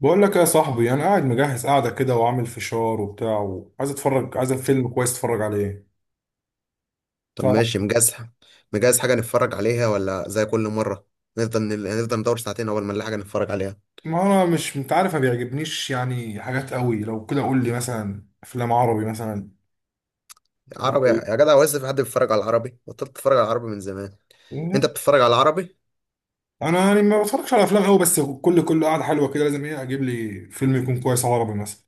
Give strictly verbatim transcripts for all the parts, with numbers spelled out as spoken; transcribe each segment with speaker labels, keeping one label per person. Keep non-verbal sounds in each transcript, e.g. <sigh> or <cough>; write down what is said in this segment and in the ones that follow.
Speaker 1: بقول لك يا صاحبي، انا قاعد مجهز قاعده كده وعامل فشار وبتاع، وعايز اتفرج، عايز فيلم كويس اتفرج عليه.
Speaker 2: طب
Speaker 1: تعرف،
Speaker 2: ماشي مجهز. مجهز حاجة نتفرج عليها، ولا زي كل مرة نفضل نل- نفضل ندور ساعتين أول ما نلاقي حاجة نتفرج عليها؟
Speaker 1: ما انا مش انت عارف ما بيعجبنيش يعني حاجات قوي. لو كده قول لي مثلا افلام عربي مثلا تكون
Speaker 2: عربي
Speaker 1: كويسه.
Speaker 2: يا جدع، هو لسه في حد بيتفرج على العربي؟ بطلت تتفرج على العربي من زمان. أنت بتتفرج على العربي؟
Speaker 1: انا يعني ما بتفرجش على افلام قوي، بس كل كل قاعده حلوه كده لازم ايه، اجيب لي فيلم يكون كويس، عربي مثلا.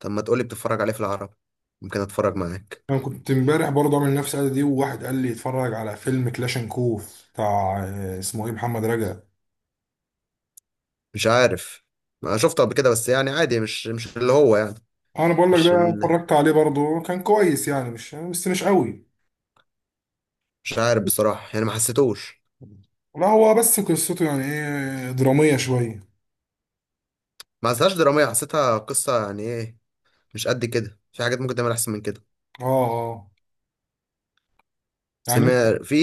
Speaker 2: طب ما تقولي بتتفرج عليه في العربي. ممكن أتفرج معاك.
Speaker 1: انا كنت امبارح برضه عامل نفس القعده دي، وواحد قال لي اتفرج على فيلم كلاشنكوف بتاع آه، اسمه ايه، محمد رجب.
Speaker 2: مش عارف، ما شفته قبل كده، بس يعني عادي، مش مش اللي هو يعني.
Speaker 1: انا بقول لك ده
Speaker 2: مش ال...
Speaker 1: اتفرجت عليه برضه، كان كويس يعني، مش بس مش قوي.
Speaker 2: مش عارف بصراحة، يعني ما حسيتوش.
Speaker 1: لا هو بس قصته يعني ايه، درامية شوية.
Speaker 2: ما حسيتهاش درامية، حسيتها قصة يعني إيه، مش قد كده. في حاجات ممكن تعمل أحسن من كده.
Speaker 1: اه اه. يعني انت
Speaker 2: سمير في.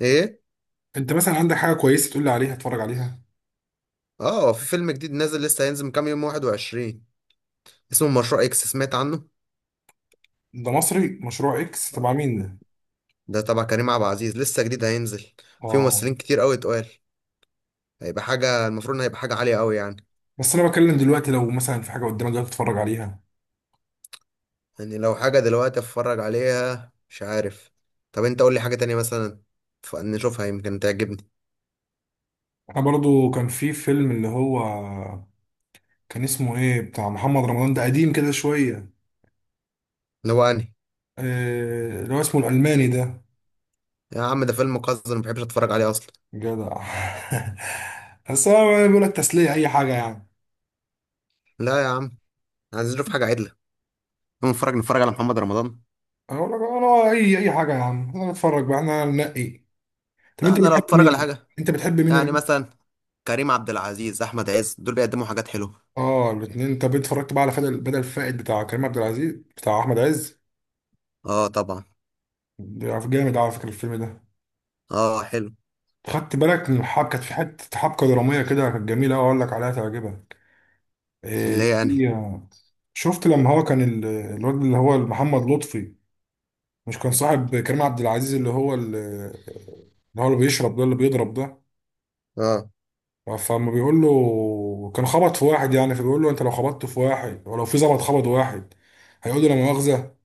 Speaker 2: إيه.
Speaker 1: انت مثلا عندك حاجة كويسة تقول لي عليها اتفرج عليها؟
Speaker 2: اه، في فيلم جديد نازل، لسه هينزل من كام يوم واحد وعشرين. اسمه مشروع اكس، سمعت عنه؟
Speaker 1: ده مصري؟ مشروع اكس تبع مين ده؟
Speaker 2: ده تبع كريم عبد العزيز، لسه جديد هينزل. في
Speaker 1: اه.
Speaker 2: ممثلين كتير قوي اتقال. هيبقى حاجة، المفروض إن هيبقى حاجة عالية قوي يعني.
Speaker 1: بس انا بتكلم دلوقتي، لو مثلا في حاجة قدامك دلوقتي تتفرج عليها.
Speaker 2: يعني لو حاجة دلوقتي اتفرج عليها، مش عارف. طب انت قول لي حاجة تانية مثلا، ف- نشوفها يمكن تعجبني.
Speaker 1: احنا برضو كان في فيلم اللي هو، كان اسمه ايه بتاع محمد رمضان ده، قديم كده شوية.
Speaker 2: اللي هو انهي.
Speaker 1: آه، اللي هو اسمه الألماني ده.
Speaker 2: يا عم ده فيلم قذر، ما بحبش اتفرج عليه اصلا.
Speaker 1: جدع. <laughs> بس هو بيقول لك تسلية أي حاجة يعني.
Speaker 2: لا يا عم، عايزين نشوف حاجة عدلة، نقوم نتفرج نتفرج على محمد رمضان.
Speaker 1: أنا بقول لك أنا أي أي حاجة يا عم، أنا بتفرج بقى، إحنا ننقي. طب
Speaker 2: لا،
Speaker 1: انت
Speaker 2: انا لو
Speaker 1: بتحب
Speaker 2: اتفرج على
Speaker 1: مين؟
Speaker 2: حاجة
Speaker 1: انت بتحب مين ولا
Speaker 2: يعني
Speaker 1: مين؟
Speaker 2: مثلا كريم عبد العزيز، احمد عز، دول بيقدموا حاجات حلوة.
Speaker 1: اه الاثنين. طب انت اتفرجت بقى على بدل بدل فائد بتاع كريم عبد العزيز بتاع احمد عز؟
Speaker 2: اه طبعا.
Speaker 1: ده جامد على فكره الفيلم ده.
Speaker 2: اه حلو.
Speaker 1: خدت بالك من الحبكه؟ كانت في حته حبكه دراميه كده كانت جميله قوي، اقول لك عليها تعجبك.
Speaker 2: اللي
Speaker 1: إيه
Speaker 2: هي انهي.
Speaker 1: هي- شفت لما هو كان ال- الواد اللي هو محمد لطفي، مش كان صاحب كريم عبد العزيز، اللي هو ال- اللي هو اللي بيشرب ده اللي بيضرب ده.
Speaker 2: اه.
Speaker 1: فما بيقول له كان خبط في واحد يعني، فبيقول له انت لو خبطت في واحد ولو في ظبط خبط واحد هيقول له لا مؤاخذة.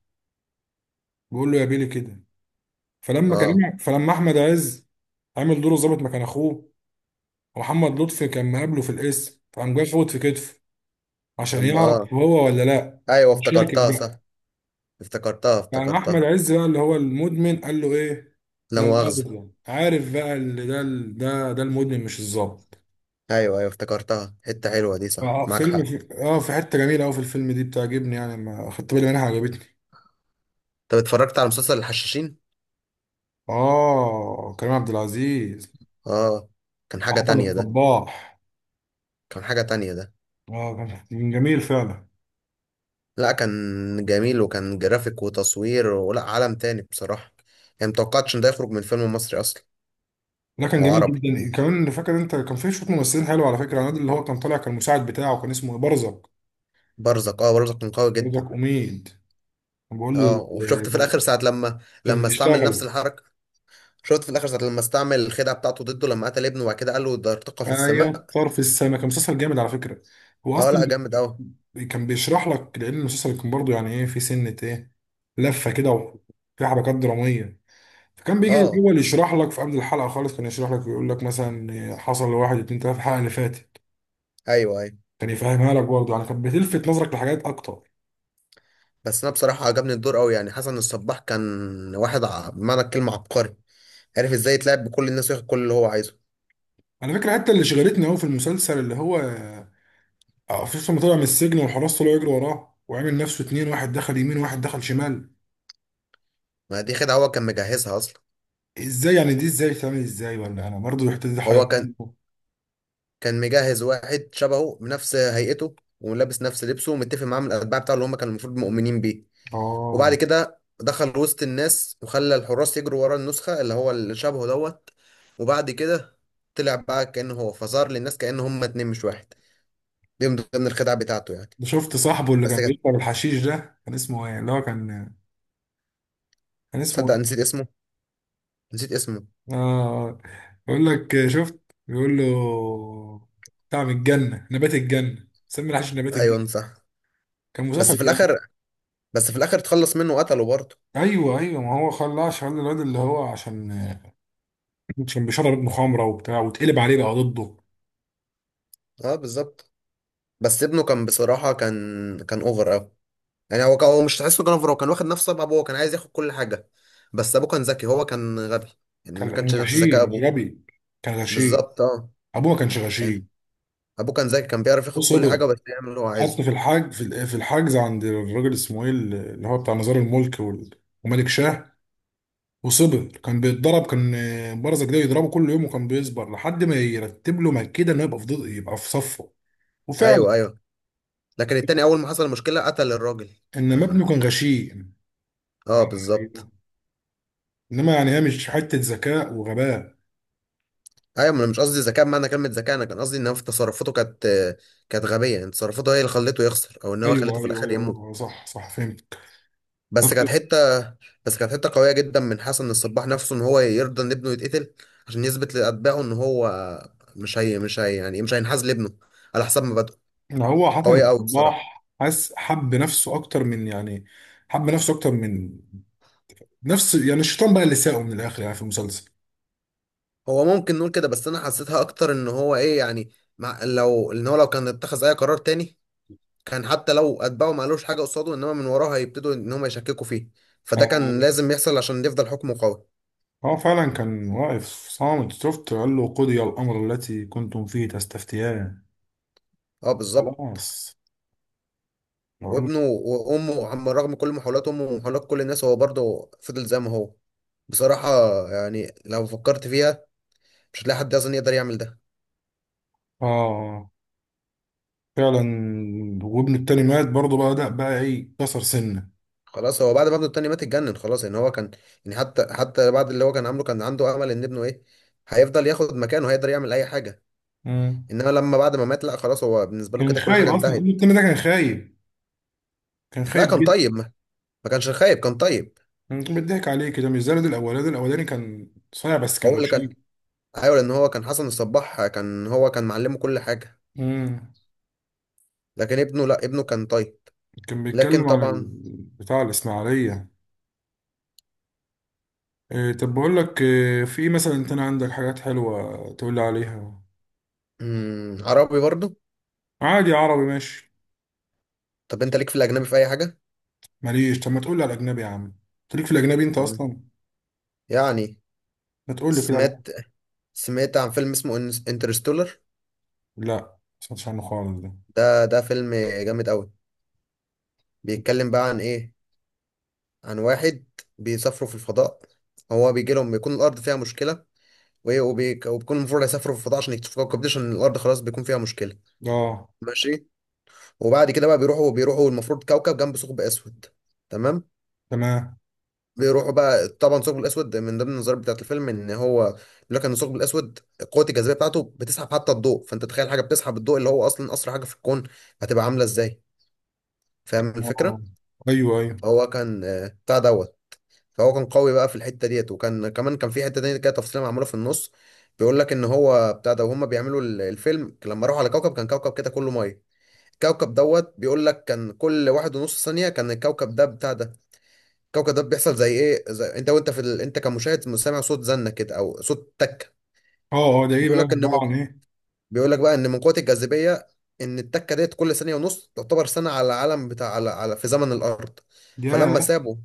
Speaker 1: بيقول له يا بيلي كده. فلما
Speaker 2: اه.
Speaker 1: كريم، فلما احمد عز عامل دوره ظابط مكان اخوه، ومحمد لطفي كان مقابله في القسم، فقام جاي فوت في كتفه عشان
Speaker 2: لما اه.
Speaker 1: يعرف هو ولا لا،
Speaker 2: ايوه،
Speaker 1: مش شاكك
Speaker 2: افتكرتها
Speaker 1: بقى.
Speaker 2: صح. افتكرتها،
Speaker 1: فقام احمد
Speaker 2: افتكرتها.
Speaker 1: عز بقى اللي هو المدمن قال له ايه،
Speaker 2: لا
Speaker 1: لا مؤاخذة.
Speaker 2: مؤاخذة.
Speaker 1: يعني عارف بقى اللي ده، ده ده المدمن مش الظابط.
Speaker 2: ايوه، ايوه، افتكرتها حتة حلوة دي، صح،
Speaker 1: اه
Speaker 2: معاك
Speaker 1: فيلم
Speaker 2: حق.
Speaker 1: في... اه في حته جميله قوي في الفيلم دي بتعجبني يعني، ما خدت بالي منها، عجبتني.
Speaker 2: طب اتفرجت على مسلسل الحشاشين؟
Speaker 1: اه كريم عبد العزيز.
Speaker 2: اه. كان حاجة
Speaker 1: احمد
Speaker 2: تانية ده.
Speaker 1: الصباح.
Speaker 2: كان حاجة تانية ده.
Speaker 1: اه كان جميل فعلا.
Speaker 2: لا، كان جميل، وكان جرافيك وتصوير ولا عالم تاني بصراحة. يعني متوقعتش ان ده يخرج من فيلم مصري اصلا.
Speaker 1: ده كان
Speaker 2: او
Speaker 1: جميل
Speaker 2: عربي.
Speaker 1: جدا. كمان فاكر انت كان في شويه ممثلين حلو على فكره؟ الواد اللي هو كان طالع كان المساعد بتاعه كان اسمه برزق.
Speaker 2: برزق، اه برزق كان قوي جدا.
Speaker 1: برزق اميد. كان بقول له
Speaker 2: اه،
Speaker 1: ال-
Speaker 2: وشفت في
Speaker 1: كان،
Speaker 2: الاخر ساعة لما
Speaker 1: كان
Speaker 2: لما استعمل نفس
Speaker 1: بيشتغل.
Speaker 2: الحركة. شفت في الاخر ساعه لما استعمل الخدعه بتاعته ضده، لما قتل ابنه، وبعد كده قال له ده ارتقى في السماء.
Speaker 1: ايوه طرف السما، كان مسلسل جامد على فكره. هو
Speaker 2: اه، لا
Speaker 1: اصلا
Speaker 2: جامد قوي.
Speaker 1: كان بيشرح لك، لان المسلسل كان برضه يعني ايه، في سنه ايه، لفه كده وفي حركات دراميه. فكان بيجي
Speaker 2: اه.
Speaker 1: الاول يشرح لك في قبل الحلقه خالص، كان يشرح لك يقول لك مثلا حصل لواحد اتنين تلاته في الحلقه اللي فاتت،
Speaker 2: ايوه، ايوه.
Speaker 1: كان يفهمها لك برضه يعني، كانت بتلفت نظرك لحاجات اكتر.
Speaker 2: بس انا بصراحه عجبني الدور قوي، يعني حسن الصباح كان واحد ع- بمعنى الكلمه عبقري، عارف ازاي يتلاعب بكل الناس وياخد كل اللي هو عايزه.
Speaker 1: على فكره حتى اللي شغلتني قوي في المسلسل اللي هو آه، في لما طلع من السجن والحراس طلعوا يجروا وراه وعامل نفسه اتنين، واحد دخل يمين وواحد دخل شمال.
Speaker 2: ما دي خدعه، هو كان مجهزها اصلا.
Speaker 1: ازاي يعني؟ دي ازاي تعمل ازاي؟ ولا انا برضو رحت، دي
Speaker 2: هو كان
Speaker 1: حيرتني.
Speaker 2: كان مجهز واحد شبهه بنفس هيئته، ولابس نفس لبسه، ومتفق معاه من الاتباع بتاعه اللي هم كانوا المفروض مؤمنين بيه. وبعد
Speaker 1: اه.
Speaker 2: كده دخل وسط الناس وخلى الحراس يجروا ورا النسخة اللي هو اللي شبهه دوت. وبعد كده طلع بقى كأنه هو، فظهر للناس كأنه هما اتنين مش واحد. دي من ضمن الخدعة بتاعته يعني.
Speaker 1: ده شفت صاحبه اللي كان
Speaker 2: بس كده.
Speaker 1: بيشرب الحشيش ده كان اسمه ايه، اللي هو كان، كان اسمه
Speaker 2: تصدق
Speaker 1: ايه؟
Speaker 2: نسيت اسمه، نسيت اسمه.
Speaker 1: اه. آه. بيقول لك شفت، بيقول له بتاع من الجنه، نبات الجنه، سمي الحشيش نبات
Speaker 2: ايوه
Speaker 1: الجنه.
Speaker 2: صح.
Speaker 1: كان
Speaker 2: بس
Speaker 1: مسلسل
Speaker 2: في الاخر
Speaker 1: جامد.
Speaker 2: بس في الاخر اتخلص منه وقتله برضه.
Speaker 1: ايوه ايوه، ما هو خلاه عشان الواد اللي هو، عشان كان بيشرب مخامره وبتاع واتقلب عليه بقى ضده.
Speaker 2: اه بالظبط. بس ابنه كان بصراحة كان كان اوفر اوي. يعني هو كان، هو مش تحسه كان اوفر، هو كان واخد نفس طبع ابوه، هو كان عايز ياخد كل حاجة. بس ابوه كان ذكي، هو كان غبي. يعني
Speaker 1: كان
Speaker 2: ما كانش
Speaker 1: كان
Speaker 2: نفس ذكاء
Speaker 1: غشيم
Speaker 2: ابوه.
Speaker 1: غبي، كان غشيم.
Speaker 2: بالظبط اه.
Speaker 1: ابوه ما كانش
Speaker 2: يعني
Speaker 1: غشيم.
Speaker 2: ابوه كان ذكي، كان بيعرف ياخد كل حاجه،
Speaker 1: وصبر،
Speaker 2: بس يعمل اللي هو
Speaker 1: حط
Speaker 2: عايزه.
Speaker 1: في الحاج في ال- في الحجز عند الراجل اسمه ايه، اللي هو بتاع مزار الملك وال- وملك شاه. وصبر، كان بيتضرب، كان آه، برزة جديد يضربه كل يوم، وكان بيصبر لحد ما يرتب له مكيده انه يبقى في ضد، يبقى في صفه. وفعلا.
Speaker 2: ايوه، ايوه، لكن التاني اول ما حصل مشكله قتل الراجل.
Speaker 1: انما
Speaker 2: اه،
Speaker 1: ابنه كان غشيم.
Speaker 2: آه بالظبط.
Speaker 1: أيوة. انما يعني هي مش حته ذكاء وغباء.
Speaker 2: ايوه، ما انا مش قصدي ذكاء بمعنى كلمه ذكاء، انا كان قصدي ان هو في تصرفاته كانت كانت غبيه. يعني تصرفاته هي اللي خلته يخسر، او ان هو
Speaker 1: ايوه
Speaker 2: خلته في
Speaker 1: ايوه
Speaker 2: الاخر يموت.
Speaker 1: ايوه، صح صح، فهمت.
Speaker 2: بس
Speaker 1: طب
Speaker 2: كانت حته بس كانت حته قويه جدا من حسن الصباح نفسه، ان هو يرضى ان ابنه يتقتل، عشان يثبت لاتباعه ان هو مش هي مش هي يعني مش هينحاز لابنه، على حسب ما بدأ.
Speaker 1: هو
Speaker 2: كانت
Speaker 1: حسن
Speaker 2: قويه قوي بصراحه.
Speaker 1: الصباح حس، حب نفسه اكتر من يعني، حب نفسه اكتر من نفس، يعني الشيطان بقى اللي ساقه من الاخر يعني في المسلسل.
Speaker 2: هو ممكن نقول كده، بس انا حسيتها اكتر ان هو ايه يعني، مع لو ان هو لو كان اتخذ اي قرار تاني، كان حتى لو اتباعه ما قالوش حاجه قصاده، انما من وراه هيبتدوا ان هم يشككوا فيه. فده كان
Speaker 1: آه،
Speaker 2: لازم يحصل عشان يفضل حكمه قوي.
Speaker 1: هو فعلا كان واقف صامت، شفت، قال له قضي الامر التي كنتم فيه تستفتيان.
Speaker 2: اه بالظبط.
Speaker 1: خلاص. بقول-
Speaker 2: وابنه وامه عم، رغم كل محاولات امه ومحاولات كل الناس، هو برضه فضل زي ما هو. بصراحه يعني لو فكرت فيها، مش هتلاقي حد اصلا يقدر يعمل ده.
Speaker 1: اه فعلا. وابنه التاني مات برضه بقى، ده بقى ايه، كسر سنه.
Speaker 2: خلاص، هو بعد ما ابنه التاني مات اتجنن خلاص، ان هو كان، يعني حتى حتى بعد اللي هو كان عامله، كان عنده امل ان ابنه ايه، هيفضل ياخد مكانه، هيقدر يعمل اي حاجه.
Speaker 1: مم.
Speaker 2: انما لما بعد ما مات، لا خلاص، هو بالنسبه له
Speaker 1: كان
Speaker 2: كده كل حاجه
Speaker 1: خايب اصلا ابنه
Speaker 2: انتهت.
Speaker 1: التاني ده، كان خايب، كان
Speaker 2: لا
Speaker 1: خايب
Speaker 2: كان طيب،
Speaker 1: جدا.
Speaker 2: ما, ما كانش خايب، كان طيب.
Speaker 1: مم. كان بيضحك عليه كده، مش زي الولاد الاولاني. الولاد الاولاني كان صايع بس
Speaker 2: هو
Speaker 1: كان
Speaker 2: اللي كان،
Speaker 1: غشيم.
Speaker 2: ايوه، لان هو كان حسن الصباح، كان هو كان معلمه كل حاجه.
Speaker 1: امم.
Speaker 2: لكن ابنه، لا ابنه كان طيب.
Speaker 1: كان
Speaker 2: لكن
Speaker 1: بيتكلم عن ال-
Speaker 2: طبعا.
Speaker 1: بتاع الإسماعيلية. إيه طب بقول لك إيه، في إيه مثلا انت، أنا عندك حاجات حلوة تقول لي عليها؟
Speaker 2: مم، عربي برضه.
Speaker 1: عادي عربي ماشي.
Speaker 2: طب انت ليك في الاجنبي في اي حاجه؟
Speaker 1: ماليش، طب ما تقول لي على الأجنبي يا عم. أنت ليك في الأجنبي أنت
Speaker 2: مم.
Speaker 1: أصلا؟
Speaker 2: يعني،
Speaker 1: ما تقول لي كده على-
Speaker 2: سمعت سمعت عن فيلم اسمه انترستولر.
Speaker 1: لا ما سمعتش عنه خالص ده.
Speaker 2: ده ده فيلم جامد قوي، بيتكلم بقى عن ايه، عن واحد بيسافروا في الفضاء، هو بيجي لهم، بيكون الارض فيها مشكله، وايه وبي- وبيكون المفروض هيسافروا في الفضاء عشان يكتشفوا كوكب جديد عشان الارض خلاص بيكون فيها مشكله.
Speaker 1: اه.
Speaker 2: ماشي. وبعد كده بقى بيروحوا بيروحوا المفروض كوكب جنب ثقب اسود. تمام.
Speaker 1: تمام.
Speaker 2: بيروحوا بقى، طبعا الثقب الاسود من ضمن النظريات بتاعت الفيلم، ان هو بيقول لك ان الثقب الاسود قوه الجاذبيه بتاعته بتسحب حتى الضوء. فانت تخيل حاجه بتسحب الضوء اللي هو اصلا اسرع حاجه في الكون، هتبقى عامله ازاي؟ فاهم
Speaker 1: اه.
Speaker 2: الفكره؟
Speaker 1: ايوه ايوه.
Speaker 2: هو كان، آه، بتاع دوت. فهو كان قوي بقى في الحته ديت، وكان كمان كان في حته تانية كده تفصيله معموله في النص. بيقول لك ان هو بتاع ده، وهم بيعملوا ال- الفيلم لما راحوا على كوكب كان كوكب كده كله ميه. الكوكب دوت، بيقول لك كان كل واحد ونص ثانيه كان الكوكب ده بتاع ده. الكوكب ده بيحصل زي ايه، زي انت وانت في ال... انت كمشاهد سامع صوت زنه كده او صوت تك.
Speaker 1: اه اه، ده ايه
Speaker 2: بيقول
Speaker 1: بقى،
Speaker 2: لك ان
Speaker 1: عبارة
Speaker 2: من...
Speaker 1: عن ايه؟
Speaker 2: بيقول لك بقى ان من قوه الجاذبيه، ان التكه ديت كل ثانيه ونص تعتبر سنه على العالم، بتاع على، على في زمن الارض. فلما
Speaker 1: ياه.
Speaker 2: سابوا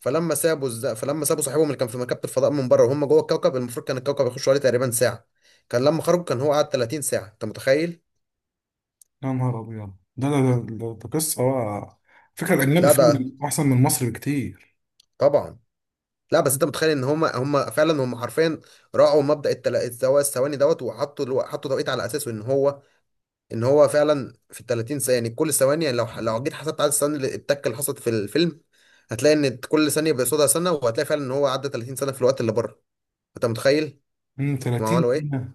Speaker 2: فلما سابوا الز... فلما سابوا صاحبهم اللي كان في مركبه الفضاء من بره، وهم جوه الكوكب، المفروض كان الكوكب يخش عليه تقريبا ساعه، كان لما خرجوا كان هو قعد تلاتين ساعه، انت متخيل؟
Speaker 1: يا نهار ابيض، ده ده ده, ده, ده قصة بقى. فكرة الأجنبي
Speaker 2: لا ده
Speaker 1: فيه أحسن من مصر بكتير.
Speaker 2: طبعا. لا، بس انت متخيل ان هم هم فعلا هم حرفيا راعوا مبدأ التل... الثوا- الثواني دوت، وحطوا الو... حطوا توقيت على اساسه، ان هو ان هو فعلا في ال ثلاثين ثانيه، يعني كل ثواني، يعني لو ح- لو جيت حسبت عدد الثواني اللي- التكه اللي حصلت في الفيلم، هتلاقي ان كل ثانيه بيقصدها سنه، وهتلاقي فعلا ان هو عدى ثلاثين سنه في الوقت اللي بره. انت متخيل
Speaker 1: امم
Speaker 2: هم
Speaker 1: تلاتين
Speaker 2: عملوا ايه؟
Speaker 1: سنة.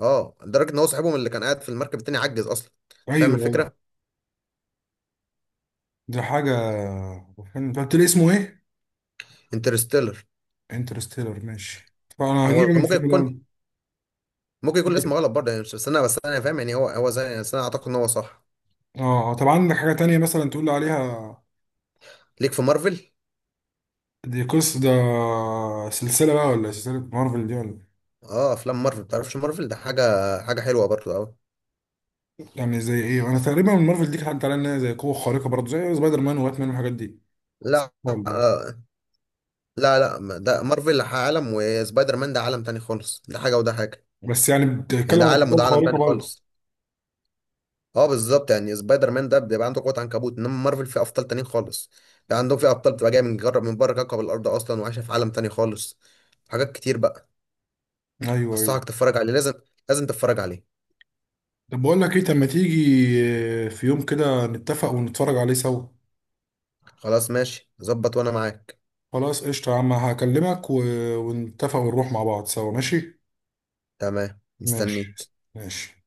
Speaker 2: اه، لدرجه ان هو صاحبهم اللي كان قاعد في المركب التاني عجز اصلا. انت فاهم
Speaker 1: أيوه أيوه.
Speaker 2: الفكره؟
Speaker 1: ده حاجة. فيلم انت قلت لي اسمه ايه؟
Speaker 2: انترستيلر.
Speaker 1: انترستيلر ماشي، طب انا هجيب
Speaker 2: هو
Speaker 1: من
Speaker 2: ممكن يكون،
Speaker 1: الفيلم
Speaker 2: ممكن يكون الاسم
Speaker 1: ده.
Speaker 2: غلط برضه، يعني مش- بس انا بس انا فاهم يعني، هو هو زي بس انا اعتقد ان هو صح.
Speaker 1: اه، طب عندك حاجة تانية مثلا تقول لي عليها؟
Speaker 2: ليك في مارفل.
Speaker 1: دي قصة ده، سلسلة بقى ولا سلسلة، مارفل دي ولا؟
Speaker 2: اه افلام مارفل، تعرفش مارفل ده حاجه، حاجه حلوه برضه قوي.
Speaker 1: يعني زي ايه؟ انا تقريبا من مارفل دي، حد عليها انها زي قوة خارقة برضه، زي سبايدر مان وباتمان والحاجات دي.
Speaker 2: لا.
Speaker 1: والله.
Speaker 2: آه. لا، لا، ما- ده مارفل عالم، وسبايدر مان ده عالم تاني خالص، ده حاجه وده حاجه.
Speaker 1: بس يعني
Speaker 2: يعني
Speaker 1: بتتكلم
Speaker 2: ده
Speaker 1: عن
Speaker 2: عالم
Speaker 1: القوة
Speaker 2: وده عالم
Speaker 1: الخارقة
Speaker 2: تاني
Speaker 1: برضه.
Speaker 2: خالص. اه بالظبط، يعني سبايدر مان ده بيبقى عنده قوة عنكبوت، انما مارفل فيه ابطال تانيين خالص. بيبقى عندهم فيه ابطال بتبقى جايه من جرب من بره كوكب الارض اصلا، وعايشه في عالم تاني خالص. حاجات كتير بقى.
Speaker 1: ايوه ايوه.
Speaker 2: انصحك تتفرج عليه، لازم، لازم تتفرج عليه.
Speaker 1: طب بقول لك ايه، طب ما تيجي في يوم كده نتفق ونتفرج عليه سوا.
Speaker 2: خلاص ماشي، ظبط، وانا معاك.
Speaker 1: خلاص قشطة يا عم، هكلمك و... ونتفق ونروح مع بعض سوا، ماشي؟
Speaker 2: تمام،
Speaker 1: ماشي.
Speaker 2: مستنيك.
Speaker 1: ماشي.